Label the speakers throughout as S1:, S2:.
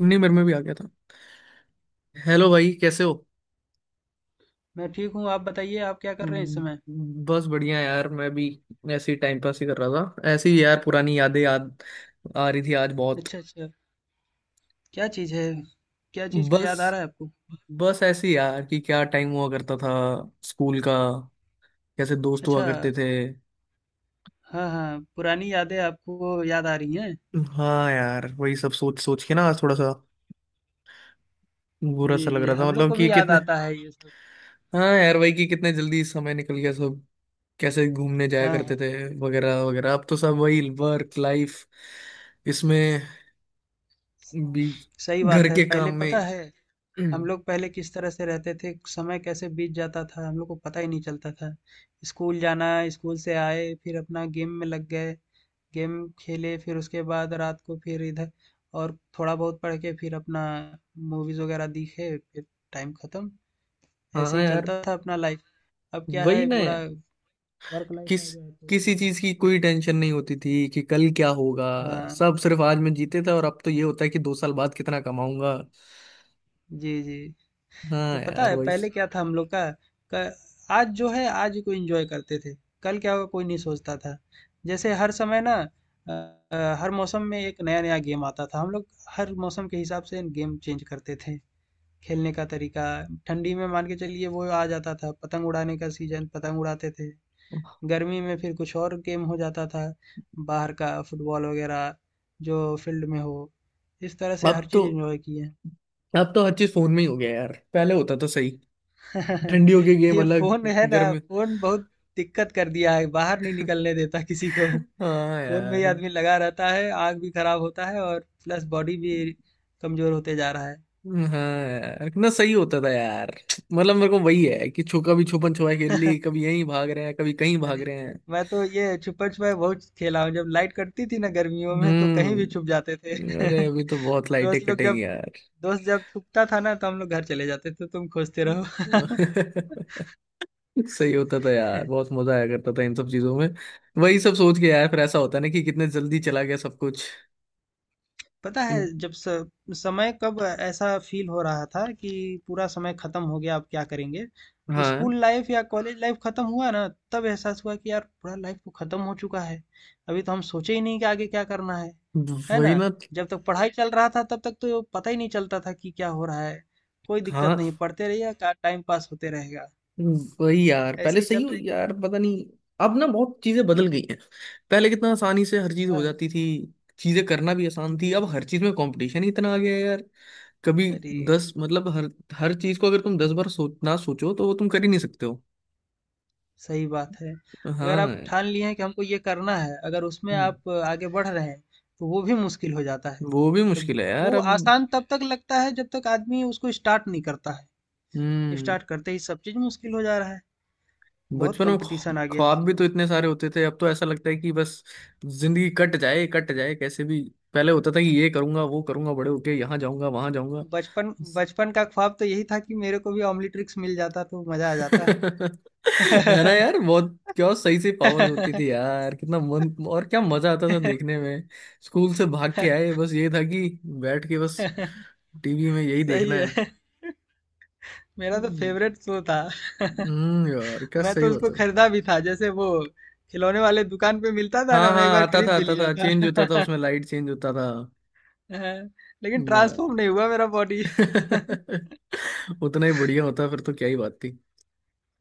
S1: नहीं, मेरे में भी आ गया था। हेलो भाई, कैसे हो?
S2: मैं ठीक हूँ। आप बताइए, आप क्या कर रहे हैं इस समय?
S1: बस बढ़िया यार, मैं भी ऐसे ही टाइम पास ही कर रहा था। ऐसे ही यार, पुरानी यादें याद आ रही थी आज बहुत।
S2: अच्छा, अच्छा। क्या चीज़ है? क्या चीज़ का
S1: बस
S2: याद आ रहा है आपको?
S1: बस ऐसे ही यार, कि क्या टाइम हुआ करता था स्कूल का, कैसे दोस्त हुआ
S2: अच्छा।
S1: करते थे।
S2: हाँ, हाँ, पुरानी यादें आपको याद आ रही हैं।
S1: हाँ यार, वही सब सोच सोच के ना आज थोड़ा सा बुरा
S2: जी,
S1: सा लग
S2: जी,
S1: रहा था,
S2: हम लोग
S1: मतलब
S2: को
S1: कि
S2: भी याद
S1: कितने।
S2: आता है ये सब।
S1: हाँ यार,
S2: हाँ,
S1: वही कि कितने जल्दी समय निकल गया सब। कैसे घूमने जाया
S2: हाँ,
S1: करते
S2: हाँ।
S1: थे वगैरह वगैरह। अब तो सब वही वर्क लाइफ, इसमें भी,
S2: सही
S1: घर
S2: बात है।
S1: के काम
S2: पहले
S1: में
S2: पता है, हम
S1: हम्म,
S2: लोग पहले किस तरह से रहते थे, समय कैसे बीत जाता था, हम लोग को पता ही नहीं चलता था। स्कूल जाना, स्कूल से आए, फिर अपना गेम में लग गए, गेम खेले, फिर उसके बाद रात को फिर इधर और थोड़ा बहुत पढ़ के फिर अपना मूवीज़ वगैरह देखे, फिर टाइम ख़त्म। ऐसे
S1: हाँ
S2: ही
S1: यार,
S2: चलता था अपना लाइफ। अब क्या
S1: वही
S2: है,
S1: ना
S2: पूरा
S1: यार।
S2: वर्क लाइफ आ
S1: किस
S2: गया है तो
S1: किसी चीज की
S2: बहुत।
S1: कोई टेंशन नहीं होती थी कि कल क्या होगा।
S2: हाँ,
S1: सब सिर्फ आज में जीते थे, और अब तो ये होता है कि दो साल बाद कितना कमाऊंगा।
S2: जी, जी। तो
S1: हाँ
S2: पता
S1: यार
S2: है
S1: वही।
S2: पहले क्या था हम लोग का, क आज जो है आज को एन्जॉय करते थे, कल क्या होगा कोई नहीं सोचता था। जैसे हर समय ना हर मौसम में एक नया-नया गेम आता था, हम लोग हर मौसम के हिसाब से गेम चेंज करते थे। खेलने का तरीका, ठंडी में मान के चलिए वो आ जाता था पतंग उड़ाने का सीज़न, पतंग उड़ाते थे। गर्मी में फिर कुछ और गेम हो जाता था, बाहर का फुटबॉल वगैरह जो फील्ड में हो। इस तरह से हर
S1: अब तो
S2: चीज़ एन्जॉय किए।
S1: अब तो हर चीज फोन में ही हो गया यार, पहले होता तो सही। ठंडियों के गेम
S2: ये
S1: अलग,
S2: फोन है ना,
S1: गर्मी।
S2: फोन बहुत दिक्कत कर दिया है, बाहर नहीं निकलने देता किसी को।
S1: हाँ
S2: फोन में ही
S1: यार।
S2: आदमी लगा रहता है, आंख भी खराब होता है और प्लस बॉडी भी कमजोर होते जा रहा है।
S1: हाँ यार, कितना सही होता था यार। मतलब मेरे को वही है कि छो कभी छुपन छुपाई खेल ली, कभी यहीं भाग रहे हैं, कभी कहीं
S2: अरे,
S1: भाग रहे हैं।
S2: मैं तो ये छुपन छुपाई बहुत खेला हूँ, जब लाइट कटती थी ना गर्मियों में तो कहीं भी छुप
S1: हम्म।
S2: जाते थे।
S1: अरे, अभी तो बहुत लाइटें
S2: दोस्त लोग
S1: कटेंगी
S2: जब
S1: यार।
S2: दोस्त जब छुपता था ना तो हम लोग घर चले जाते थे, तो तुम खोजते रहो।
S1: सही होता था यार, बहुत मजा आया करता था इन सब चीजों में। वही सब सोच के यार फिर ऐसा होता है ना कि कितने जल्दी चला गया सब कुछ।
S2: पता है, जब समय कब ऐसा फील हो रहा था कि पूरा समय खत्म हो गया, अब क्या करेंगे।
S1: हाँ,
S2: स्कूल लाइफ या कॉलेज लाइफ खत्म हुआ ना, तब एहसास हुआ कि यार पूरा लाइफ तो खत्म हो चुका है। अभी तो हम सोचे ही नहीं कि आगे क्या करना है
S1: वही
S2: ना।
S1: ना।
S2: जब तक पढ़ाई चल रहा था तब तक तो पता ही नहीं चलता था कि क्या हो रहा है। कोई दिक्कत नहीं,
S1: हाँ
S2: पढ़ते रहिए का, टाइम पास होते रहेगा।
S1: वही यार, पहले
S2: ऐसे ही
S1: सही
S2: चल
S1: हो
S2: रही।
S1: यार, पता नहीं। अब ना बहुत चीजें बदल गई हैं। पहले कितना आसानी से हर चीज
S2: हाँ,
S1: हो
S2: हाँ।
S1: जाती थी, चीजें करना भी आसान थी।
S2: जी,
S1: अब
S2: जी।
S1: हर चीज में कंपटीशन ही इतना आ गया है यार। कभी
S2: अरे,
S1: दस मतलब, हर हर चीज को अगर तुम दस बार सोच ना सोचो तो वो तुम कर ही नहीं सकते हो।
S2: सही बात है। अगर आप
S1: हाँ।
S2: ठान लिए हैं कि हमको ये करना है, अगर उसमें
S1: हम्म,
S2: आप आगे बढ़ रहे हैं, तो वो भी मुश्किल हो जाता है।
S1: वो भी
S2: अब
S1: मुश्किल है यार
S2: वो
S1: अब।
S2: आसान तब तक लगता है जब तक आदमी उसको स्टार्ट नहीं करता है।
S1: हम्म।
S2: स्टार्ट करते ही सब चीज़ मुश्किल हो जा रहा है। बहुत
S1: बचपन में
S2: कॉम्पिटिशन आ गया है इस
S1: ख्वाब भी तो
S2: समय।
S1: इतने सारे होते थे, अब तो ऐसा लगता है कि बस जिंदगी कट जाए कैसे भी। पहले होता था कि ये करूंगा, वो करूंगा, बड़े होके यहाँ जाऊंगा, वहां जाऊंगा।
S2: बचपन, बचपन का ख्वाब तो यही था कि मेरे को भी ऑम्निट्रिक्स मिल जाता तो मज़ा आ जाता।
S1: है ना यार, बहुत क्या सही से पावर्स होती थी यार, कितना मन, और क्या मजा आता था देखने में। स्कूल से भाग के आए, बस ये था कि बैठ के बस टीवी में यही देखना
S2: सही
S1: है।
S2: है। मेरा तो
S1: हम्म।
S2: फेवरेट शो था।
S1: यार क्या
S2: मैं
S1: सही
S2: तो उसको
S1: होता था।
S2: खरीदा भी था, जैसे वो खिलौने वाले दुकान पे मिलता था
S1: हाँ
S2: ना, मैं एक
S1: हाँ,
S2: बार
S1: आता
S2: खरीद
S1: था,
S2: भी
S1: आता
S2: लिया
S1: था, चेंज होता था,
S2: था।
S1: उसमें लाइट चेंज होता था।
S2: लेकिन
S1: यार,
S2: ट्रांसफॉर्म नहीं हुआ मेरा बॉडी।
S1: उतना ही बढ़िया होता फिर तो क्या ही बात थी।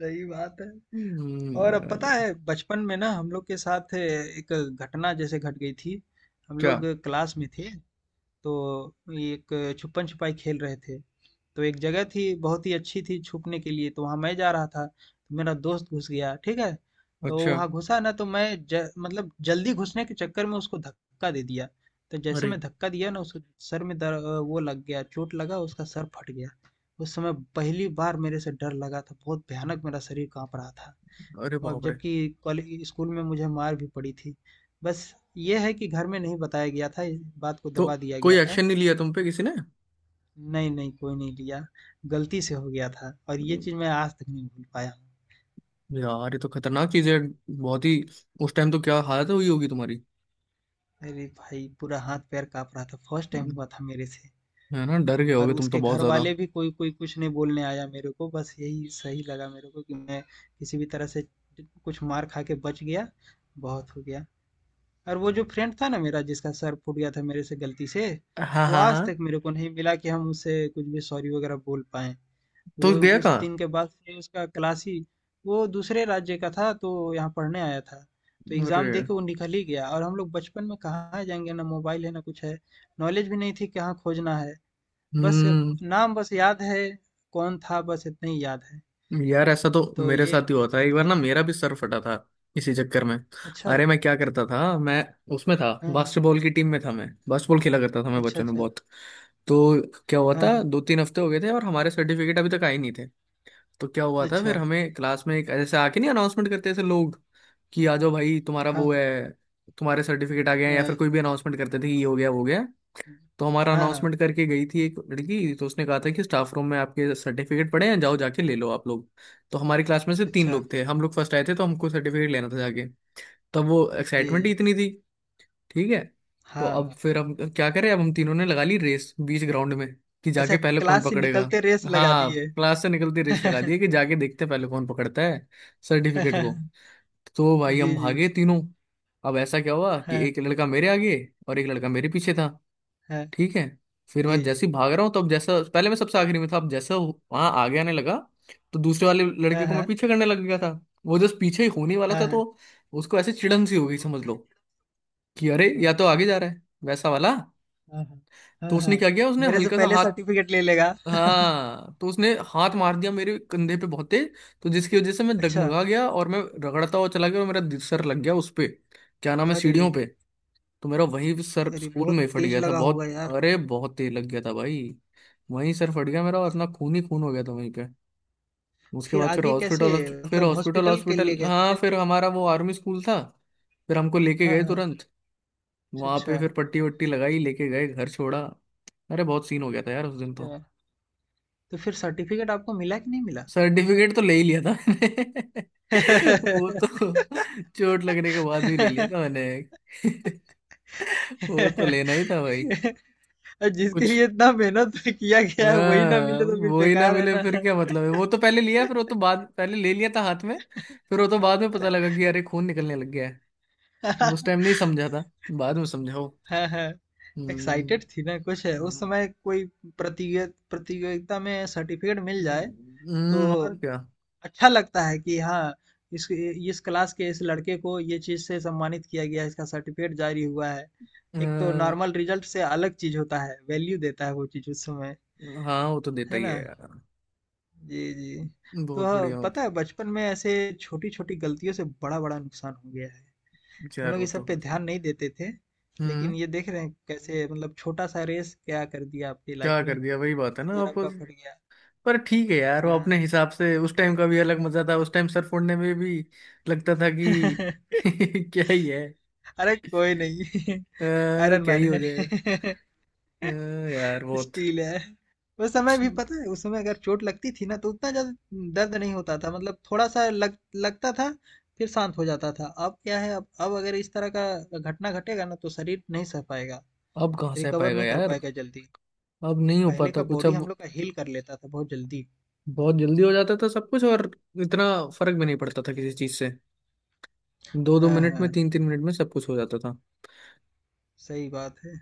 S2: सही बात है। और अब पता
S1: यार।
S2: है बचपन में ना हम लोग के साथ एक घटना जैसे घट गई थी। हम
S1: क्या?
S2: लोग क्लास में थे, तो ये एक छुपन छुपाई खेल रहे थे। तो एक जगह थी बहुत ही अच्छी थी छुपने के लिए, तो वहाँ मैं जा रहा था, तो मेरा दोस्त घुस गया, ठीक है। तो
S1: अच्छा।
S2: वहाँ घुसा ना, तो मैं मतलब जल्दी घुसने के चक्कर में उसको धक्का दे दिया। तो जैसे
S1: अरे।
S2: मैं धक्का दिया ना उसको सर में वो लग गया, चोट लगा, उसका सर फट गया। उस समय पहली बार मेरे से डर लगा था, बहुत भयानक, मेरा शरीर कांप रहा था।
S1: अरे
S2: और
S1: बाप रे।
S2: जबकि कॉलेज स्कूल में मुझे मार भी पड़ी थी, बस ये है कि घर में नहीं बताया गया था, इस बात को
S1: तो
S2: दबा दिया
S1: कोई
S2: गया था।
S1: एक्शन नहीं लिया तुम पे किसी
S2: नहीं, नहीं, कोई नहीं लिया, गलती से हो गया था और ये
S1: ने?
S2: चीज़ मैं आज तक नहीं भूल पाया हूँ।
S1: यार ये तो खतरनाक चीज है, बहुत ही। उस टाइम तो क्या हालत हुई होगी तुम्हारी।
S2: अरे भाई! पूरा हाथ-पैर काँप रहा था, फर्स्ट टाइम हुआ था मेरे से।
S1: है ना, डर गए
S2: और
S1: होगे तुम तो
S2: उसके
S1: बहुत ज्यादा।
S2: घरवाले भी कोई कोई कुछ नहीं बोलने आया मेरे को, बस यही सही लगा मेरे को कि मैं किसी भी तरह से कुछ मार खा के बच गया, बहुत हो गया। और वो जो फ्रेंड था ना मेरा जिसका सर फूट गया था मेरे से गलती से,
S1: हाँ
S2: वो
S1: हाँ
S2: आज तक
S1: हाँ।
S2: मेरे को नहीं मिला कि हम उससे कुछ भी सॉरी वगैरह बोल पाएँ।
S1: तो
S2: वो
S1: गया
S2: उस
S1: कहाँ?
S2: दिन के बाद से उसका क्लास ही, वो दूसरे राज्य का था तो यहाँ पढ़ने आया था। तो
S1: अरे।
S2: एग्ज़ाम दे के वो निकल ही गया, और हम लोग बचपन में कहाँ जाएंगे, ना मोबाइल है ना कुछ है। नॉलेज भी नहीं थी कहाँ खोजना है। बस
S1: हम्म।
S2: नाम बस याद है, कौन था बस इतना ही याद है।
S1: यार ऐसा तो
S2: तो
S1: मेरे
S2: ये एक
S1: साथ ही
S2: ठीक
S1: हुआ था
S2: बहुत
S1: एक बार ना,
S2: चीज़ है।
S1: मेरा भी सर फटा था इसी चक्कर में।
S2: अच्छा।
S1: अरे मैं क्या करता था, मैं उसमें था,
S2: हाँ, हाँ।
S1: बास्केटबॉल की टीम में था, मैं बास्केटबॉल खेला करता था, मैं
S2: अच्छा,
S1: बच्चों ने
S2: अच्छा।
S1: बहुत। तो क्या हुआ
S2: हाँ,
S1: था,
S2: हाँ।
S1: दो तीन हफ्ते हो गए थे और हमारे सर्टिफिकेट अभी तक आए नहीं थे। तो क्या हुआ था फिर,
S2: अच्छा।
S1: हमें क्लास में, एक जैसे आके नहीं, अनाउंसमेंट करते ऐसे लोग कि आ जाओ भाई तुम्हारा
S2: हाँ,
S1: वो
S2: हाँ।
S1: है, तुम्हारे सर्टिफिकेट आ गए हैं, या फिर
S2: अ,
S1: कोई भी अनाउंसमेंट करते थे कि ये हो गया, वो हो गया। तो हमारा
S2: हाँ, हाँ।
S1: अनाउंसमेंट करके गई थी एक लड़की, तो उसने कहा था कि स्टाफ रूम में आपके सर्टिफिकेट पड़े हैं, जाओ जाके ले लो आप लोग। तो हमारी क्लास में से तीन
S2: अच्छा।
S1: लोग थे, हम लोग फर्स्ट आए थे, तो हमको सर्टिफिकेट लेना था जाके। तब वो
S2: जी,
S1: एक्साइटमेंट ही
S2: जी।
S1: इतनी थी। ठीक है। तो
S2: हाँ,
S1: अब
S2: हाँ।
S1: फिर हम क्या करें, अब हम तीनों ने लगा ली रेस बीच ग्राउंड में कि जाके
S2: अच्छा,
S1: पहले कौन
S2: क्लास से
S1: पकड़ेगा।
S2: निकलते रेस लगा
S1: हाँ,
S2: दिए।
S1: क्लास से निकलती रेस लगा दी है कि जाके देखते हैं पहले कौन पकड़ता है सर्टिफिकेट को। तो भाई हम
S2: जी, जी।
S1: भागे तीनों। अब ऐसा क्या हुआ कि
S2: हाँ,
S1: एक लड़का मेरे आगे और एक लड़का मेरे पीछे था।
S2: हाँ,
S1: ठीक है, फिर मैं
S2: जी, जी।
S1: जैसे ही भाग रहा हूँ तब जैसा पहले मैं सबसे आखिरी में था अब जैसा वहां आगे आने लगा, तो दूसरे वाले
S2: हाँ,
S1: लड़के को मैं
S2: हाँ,
S1: पीछे करने लग गया था। वो जस्ट पीछे ही होने वाला
S2: हाँ,
S1: था,
S2: हाँ।
S1: तो उसको ऐसे चिड़न सी हो गई समझ लो, कि अरे
S2: अच्छा,
S1: या तो आगे जा रहा है वैसा वाला।
S2: हाँ, हाँ,
S1: तो
S2: हाँ,
S1: उसने
S2: हाँ।
S1: क्या किया, उसने
S2: मेरे से
S1: हल्का सा
S2: पहले
S1: हाथ।
S2: सर्टिफिकेट ले लेगा।
S1: हाँ, तो उसने हाथ मार दिया मेरे कंधे पे बहुत तेज, तो जिसकी वजह से मैं
S2: अच्छा,
S1: डगमगा गया और मैं रगड़ता हुआ चला गया और मेरा सर लग गया उस पे, क्या नाम है,
S2: अरे रे,
S1: सीढ़ियों पे। तो मेरा वही सर
S2: अरे
S1: स्कूल में
S2: बहुत
S1: ही फट
S2: तेज
S1: गया था,
S2: लगा होगा
S1: बहुत,
S2: यार।
S1: अरे बहुत तेज लग गया था भाई। वहीं सर फट गया मेरा और इतना खून ही खून हो गया था वहीं पे। उसके
S2: फिर
S1: बाद फिर
S2: आगे कैसे,
S1: हॉस्पिटल। फिर
S2: मतलब
S1: हॉस्पिटल
S2: हॉस्पिटल के
S1: हॉस्पिटल
S2: लिए गए थे
S1: हाँ,
S2: क्या?
S1: फिर हमारा वो आर्मी स्कूल था, फिर हमको लेके
S2: हाँ,
S1: गए
S2: हाँ,
S1: तुरंत।
S2: अच्छा,
S1: वहां पे
S2: अच्छा,
S1: फिर पट्टी वट्टी लगाई, लेके गए, घर छोड़ा। अरे बहुत सीन हो गया था यार उस दिन तो।
S2: अच्छा। तो फिर सर्टिफिकेट आपको मिला कि नहीं मिला?
S1: सर्टिफिकेट तो ले ही लिया था मैंने। वो तो चोट लगने के बाद भी ले लिया था मैंने। वो तो लेना ही था भाई।
S2: जिसके
S1: कुछ,
S2: लिए इतना मेहनत किया गया है वही ना
S1: हाँ।
S2: मिले तो फिर
S1: वो ही ना
S2: बेकार है
S1: मिले
S2: ना।
S1: फिर क्या मतलब है, वो तो पहले लिया, फिर वो तो बाद, पहले ले लिया था हाथ में, फिर वो तो बाद में पता लगा कि अरे खून निकलने लग गया है।
S2: हाँ,
S1: उस टाइम नहीं समझा था, बाद में समझाओ।
S2: हाँ।
S1: हम्म।
S2: एक्साइटेड थी ना कुछ, है उस
S1: हम्म।
S2: समय कोई प्रतियोगिता, प्रतियोगिता में सर्टिफिकेट मिल जाए तो
S1: और क्या।
S2: अच्छा लगता है कि हाँ, इस क्लास के इस लड़के को ये चीज से सम्मानित किया गया, इसका सर्टिफिकेट जारी हुआ है। एक तो
S1: हाँ।
S2: नॉर्मल रिजल्ट से अलग चीज होता है, वैल्यू देता है वो चीज उस समय,
S1: हाँ, वो तो देता
S2: है
S1: ही
S2: ना।
S1: है यार।
S2: जी, जी। तो
S1: बहुत
S2: हाँ,
S1: बढ़िया हो।
S2: पता है बचपन में ऐसे छोटी छोटी गलतियों से बड़ा बड़ा नुकसान हो गया है।
S1: तो
S2: हम
S1: यार
S2: लोग
S1: वो
S2: इस
S1: तो
S2: सब पे
S1: है।
S2: ध्यान नहीं देते थे,
S1: हम्म।
S2: लेकिन ये देख रहे हैं कैसे, मतलब छोटा सा रेस क्या कर दिया आपकी लाइफ
S1: क्या
S2: में,
S1: कर दिया, वही बात है ना
S2: सर
S1: आप।
S2: आपका फट गया।
S1: पर ठीक है यार, वो अपने
S2: हाँ।
S1: हिसाब से उस टाइम का भी अलग मजा था, उस टाइम सर फोड़ने में भी लगता था कि क्या ही है।
S2: अरे कोई नहीं। आयरन
S1: क्या
S2: मैन
S1: ही हो
S2: है।
S1: जाएगा। अ, यार बहुत।
S2: स्टील है। उस समय भी पता है, उस समय अगर चोट लगती थी ना तो उतना ज्यादा दर्द नहीं होता था, मतलब थोड़ा सा लग लगता था, फिर शांत हो जाता था। अब क्या है, अब अगर इस तरह का घटना घटेगा ना तो शरीर नहीं सह पाएगा,
S1: अब कहाँ सह
S2: रिकवर
S1: पाएगा
S2: नहीं कर
S1: यार।
S2: पाएगा जल्दी।
S1: अब नहीं हो
S2: पहले
S1: पाता
S2: का
S1: कुछ
S2: बॉडी
S1: अब।
S2: हम लोग का हील कर लेता था बहुत जल्दी।
S1: बहुत जल्दी हो जाता था सब कुछ और इतना फर्क भी नहीं पड़ता था किसी चीज से। दो दो
S2: हाँ,
S1: मिनट में
S2: हाँ,
S1: तीन तीन मिनट में सब कुछ हो जाता था।
S2: सही बात है।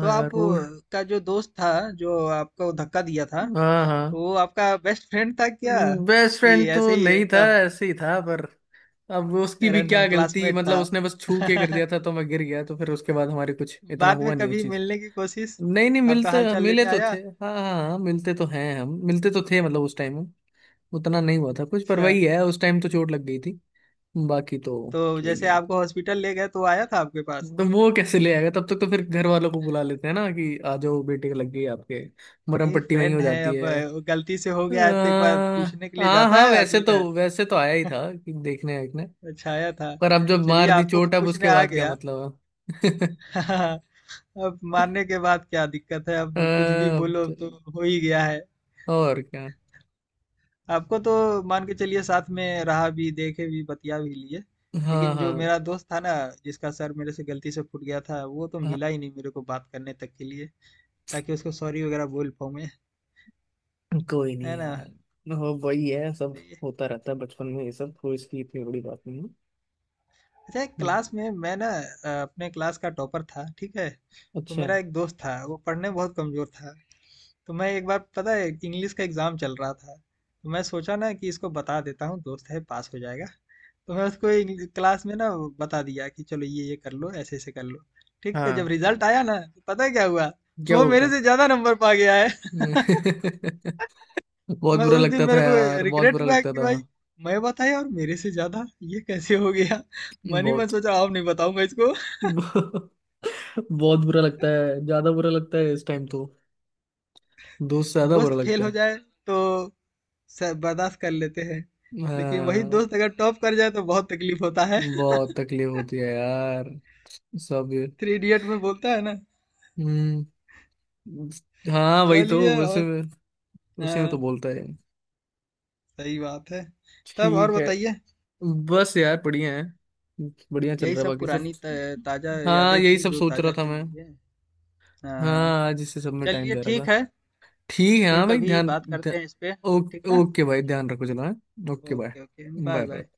S2: तो आप
S1: यार वो।
S2: का जो दोस्त था जो आपको धक्का दिया था,
S1: हाँ हाँ।
S2: तो वो आपका बेस्ट फ्रेंड था क्या?
S1: बेस्ट
S2: कि
S1: फ्रेंड
S2: ऐसे
S1: तो
S2: ही
S1: नहीं था,
S2: रैंडम
S1: ऐसे ही था। पर अब उसकी भी क्या
S2: रैंडम
S1: गलती,
S2: क्लासमेट
S1: मतलब
S2: था?
S1: उसने बस छू के कर दिया था तो मैं गिर गया, तो फिर उसके बाद हमारे कुछ इतना
S2: बाद में
S1: हुआ नहीं उस
S2: कभी
S1: चीज।
S2: मिलने की कोशिश,
S1: नहीं नहीं,
S2: आपका
S1: मिलते,
S2: हालचाल
S1: मिले
S2: लेने
S1: तो थे,
S2: आया?
S1: हाँ हाँ हाँ, मिलते तो हैं हम, मिलते तो थे मतलब उस टाइम में। उतना नहीं हुआ था कुछ, पर
S2: अच्छा,
S1: वही है उस टाइम तो चोट लग गई थी। बाकी तो,
S2: तो
S1: यही
S2: जैसे
S1: है।
S2: आपको हॉस्पिटल ले गए तो आया था आपके पास?
S1: तो वो कैसे ले आएगा, तब तक तो फिर घर वालों को बुला लेते हैं ना कि आ जाओ बेटे को लग गई आपके, मरहम
S2: नहीं
S1: पट्टी वहीं
S2: फ्रेंड
S1: हो
S2: है,
S1: जाती
S2: अब
S1: है।
S2: गलती से हो
S1: अ,
S2: गया है तो एक बार पूछने के लिए
S1: हाँ
S2: जाता
S1: हाँ,
S2: है
S1: वैसे
S2: आदमी ना।
S1: तो वैसे तो आया ही था कि देखने देखने।
S2: अच्छा, आया था।
S1: पर अब जब
S2: चलिए,
S1: मार दी
S2: आपको तो
S1: चोट, अब
S2: पूछने
S1: उसके
S2: आ
S1: बाद क्या
S2: गया।
S1: मतलब है।
S2: हाँ, अब मानने के बाद क्या दिक्कत है, अब कुछ भी
S1: अब
S2: बोलो
S1: तो,
S2: तो, हो ही गया है।
S1: और क्या।
S2: आपको तो मान के चलिए, साथ में रहा भी, देखे भी, बतिया भी लिए,
S1: हाँ
S2: लेकिन
S1: हाँ
S2: जो मेरा दोस्त था ना, जिसका सर मेरे से गलती से फूट गया था, वो तो
S1: हाँ।
S2: मिला ही नहीं मेरे को बात करने तक के लिए, ताकि उसको सॉरी वगैरह बोल पाऊँ मैं,
S1: कोई
S2: है
S1: नहीं
S2: ना।
S1: यार, हो वही है सब, होता रहता है बचपन में ये सब, कोई इसकी इतनी बड़ी बात नहीं है।
S2: अच्छा, एक क्लास
S1: हम्म,
S2: में मैं ना अपने क्लास का टॉपर था, ठीक है। तो
S1: अच्छा।
S2: मेरा एक दोस्त था, वो पढ़ने में बहुत कमजोर था। तो मैं एक बार, पता है, इंग्लिश का एग्जाम चल रहा था, तो मैं सोचा ना कि इसको बता देता हूँ, दोस्त है, पास हो जाएगा। तो मैं उसको क्लास में ना वो बता दिया कि चलो ये कर लो, ऐसे ऐसे कर लो। ठीक है,
S1: हाँ,
S2: जब रिजल्ट आया ना तो पता है क्या हुआ,
S1: क्या
S2: वो
S1: बोलता
S2: मेरे
S1: है?
S2: से ज्यादा नंबर पा गया है।
S1: बहुत
S2: मैं
S1: बुरा
S2: उस दिन,
S1: लगता था
S2: मेरे को
S1: यार, बहुत
S2: रिग्रेट
S1: बुरा
S2: हुआ
S1: लगता
S2: कि
S1: था।
S2: भाई, मैं बताया और मेरे से ज्यादा, ये कैसे हो गया। मन ही मन
S1: बहुत
S2: सोचा, अब नहीं बताऊंगा इसको।
S1: बहुत बुरा लगता है, ज्यादा बुरा लगता है इस टाइम तो, दोस्त से ज्यादा
S2: दोस्त
S1: बुरा
S2: फेल
S1: लगता
S2: हो
S1: है।
S2: जाए तो बर्दाश्त कर लेते हैं, लेकिन वही
S1: हाँ,
S2: दोस्त अगर टॉप कर जाए तो बहुत तकलीफ होता है।
S1: बहुत तकलीफ होती है यार। सब।
S2: थ्री इडियट में बोलता है ना।
S1: हम्म। हाँ वही तो,
S2: चलिए
S1: उसी
S2: और,
S1: में, उसी में तो
S2: हाँ,
S1: बोलता है।
S2: सही बात है। तब और
S1: ठीक है,
S2: बताइए।
S1: बस यार बढ़िया है, बढ़िया चल
S2: यही
S1: रहा है
S2: सब
S1: बाकी सब।
S2: ताजा
S1: हाँ,
S2: यादें
S1: यही
S2: थी,
S1: सब
S2: जो
S1: सोच रहा
S2: ताजा
S1: था
S2: कर
S1: मैं।
S2: लीजिए। हाँ।
S1: हाँ, आज इसी सब में टाइम
S2: चलिए,
S1: जा रहा
S2: ठीक
S1: था।
S2: है,
S1: ठीक है।
S2: फिर
S1: हाँ भाई,
S2: कभी
S1: ध्यान,
S2: बात करते
S1: ध्यान।
S2: हैं इस पे,
S1: ओ,
S2: ठीक ना।
S1: ओके भाई, ध्यान रखो, चलो हाँ। Okay bye.
S2: Okay, okay, bye,
S1: bye
S2: bye.
S1: Bye.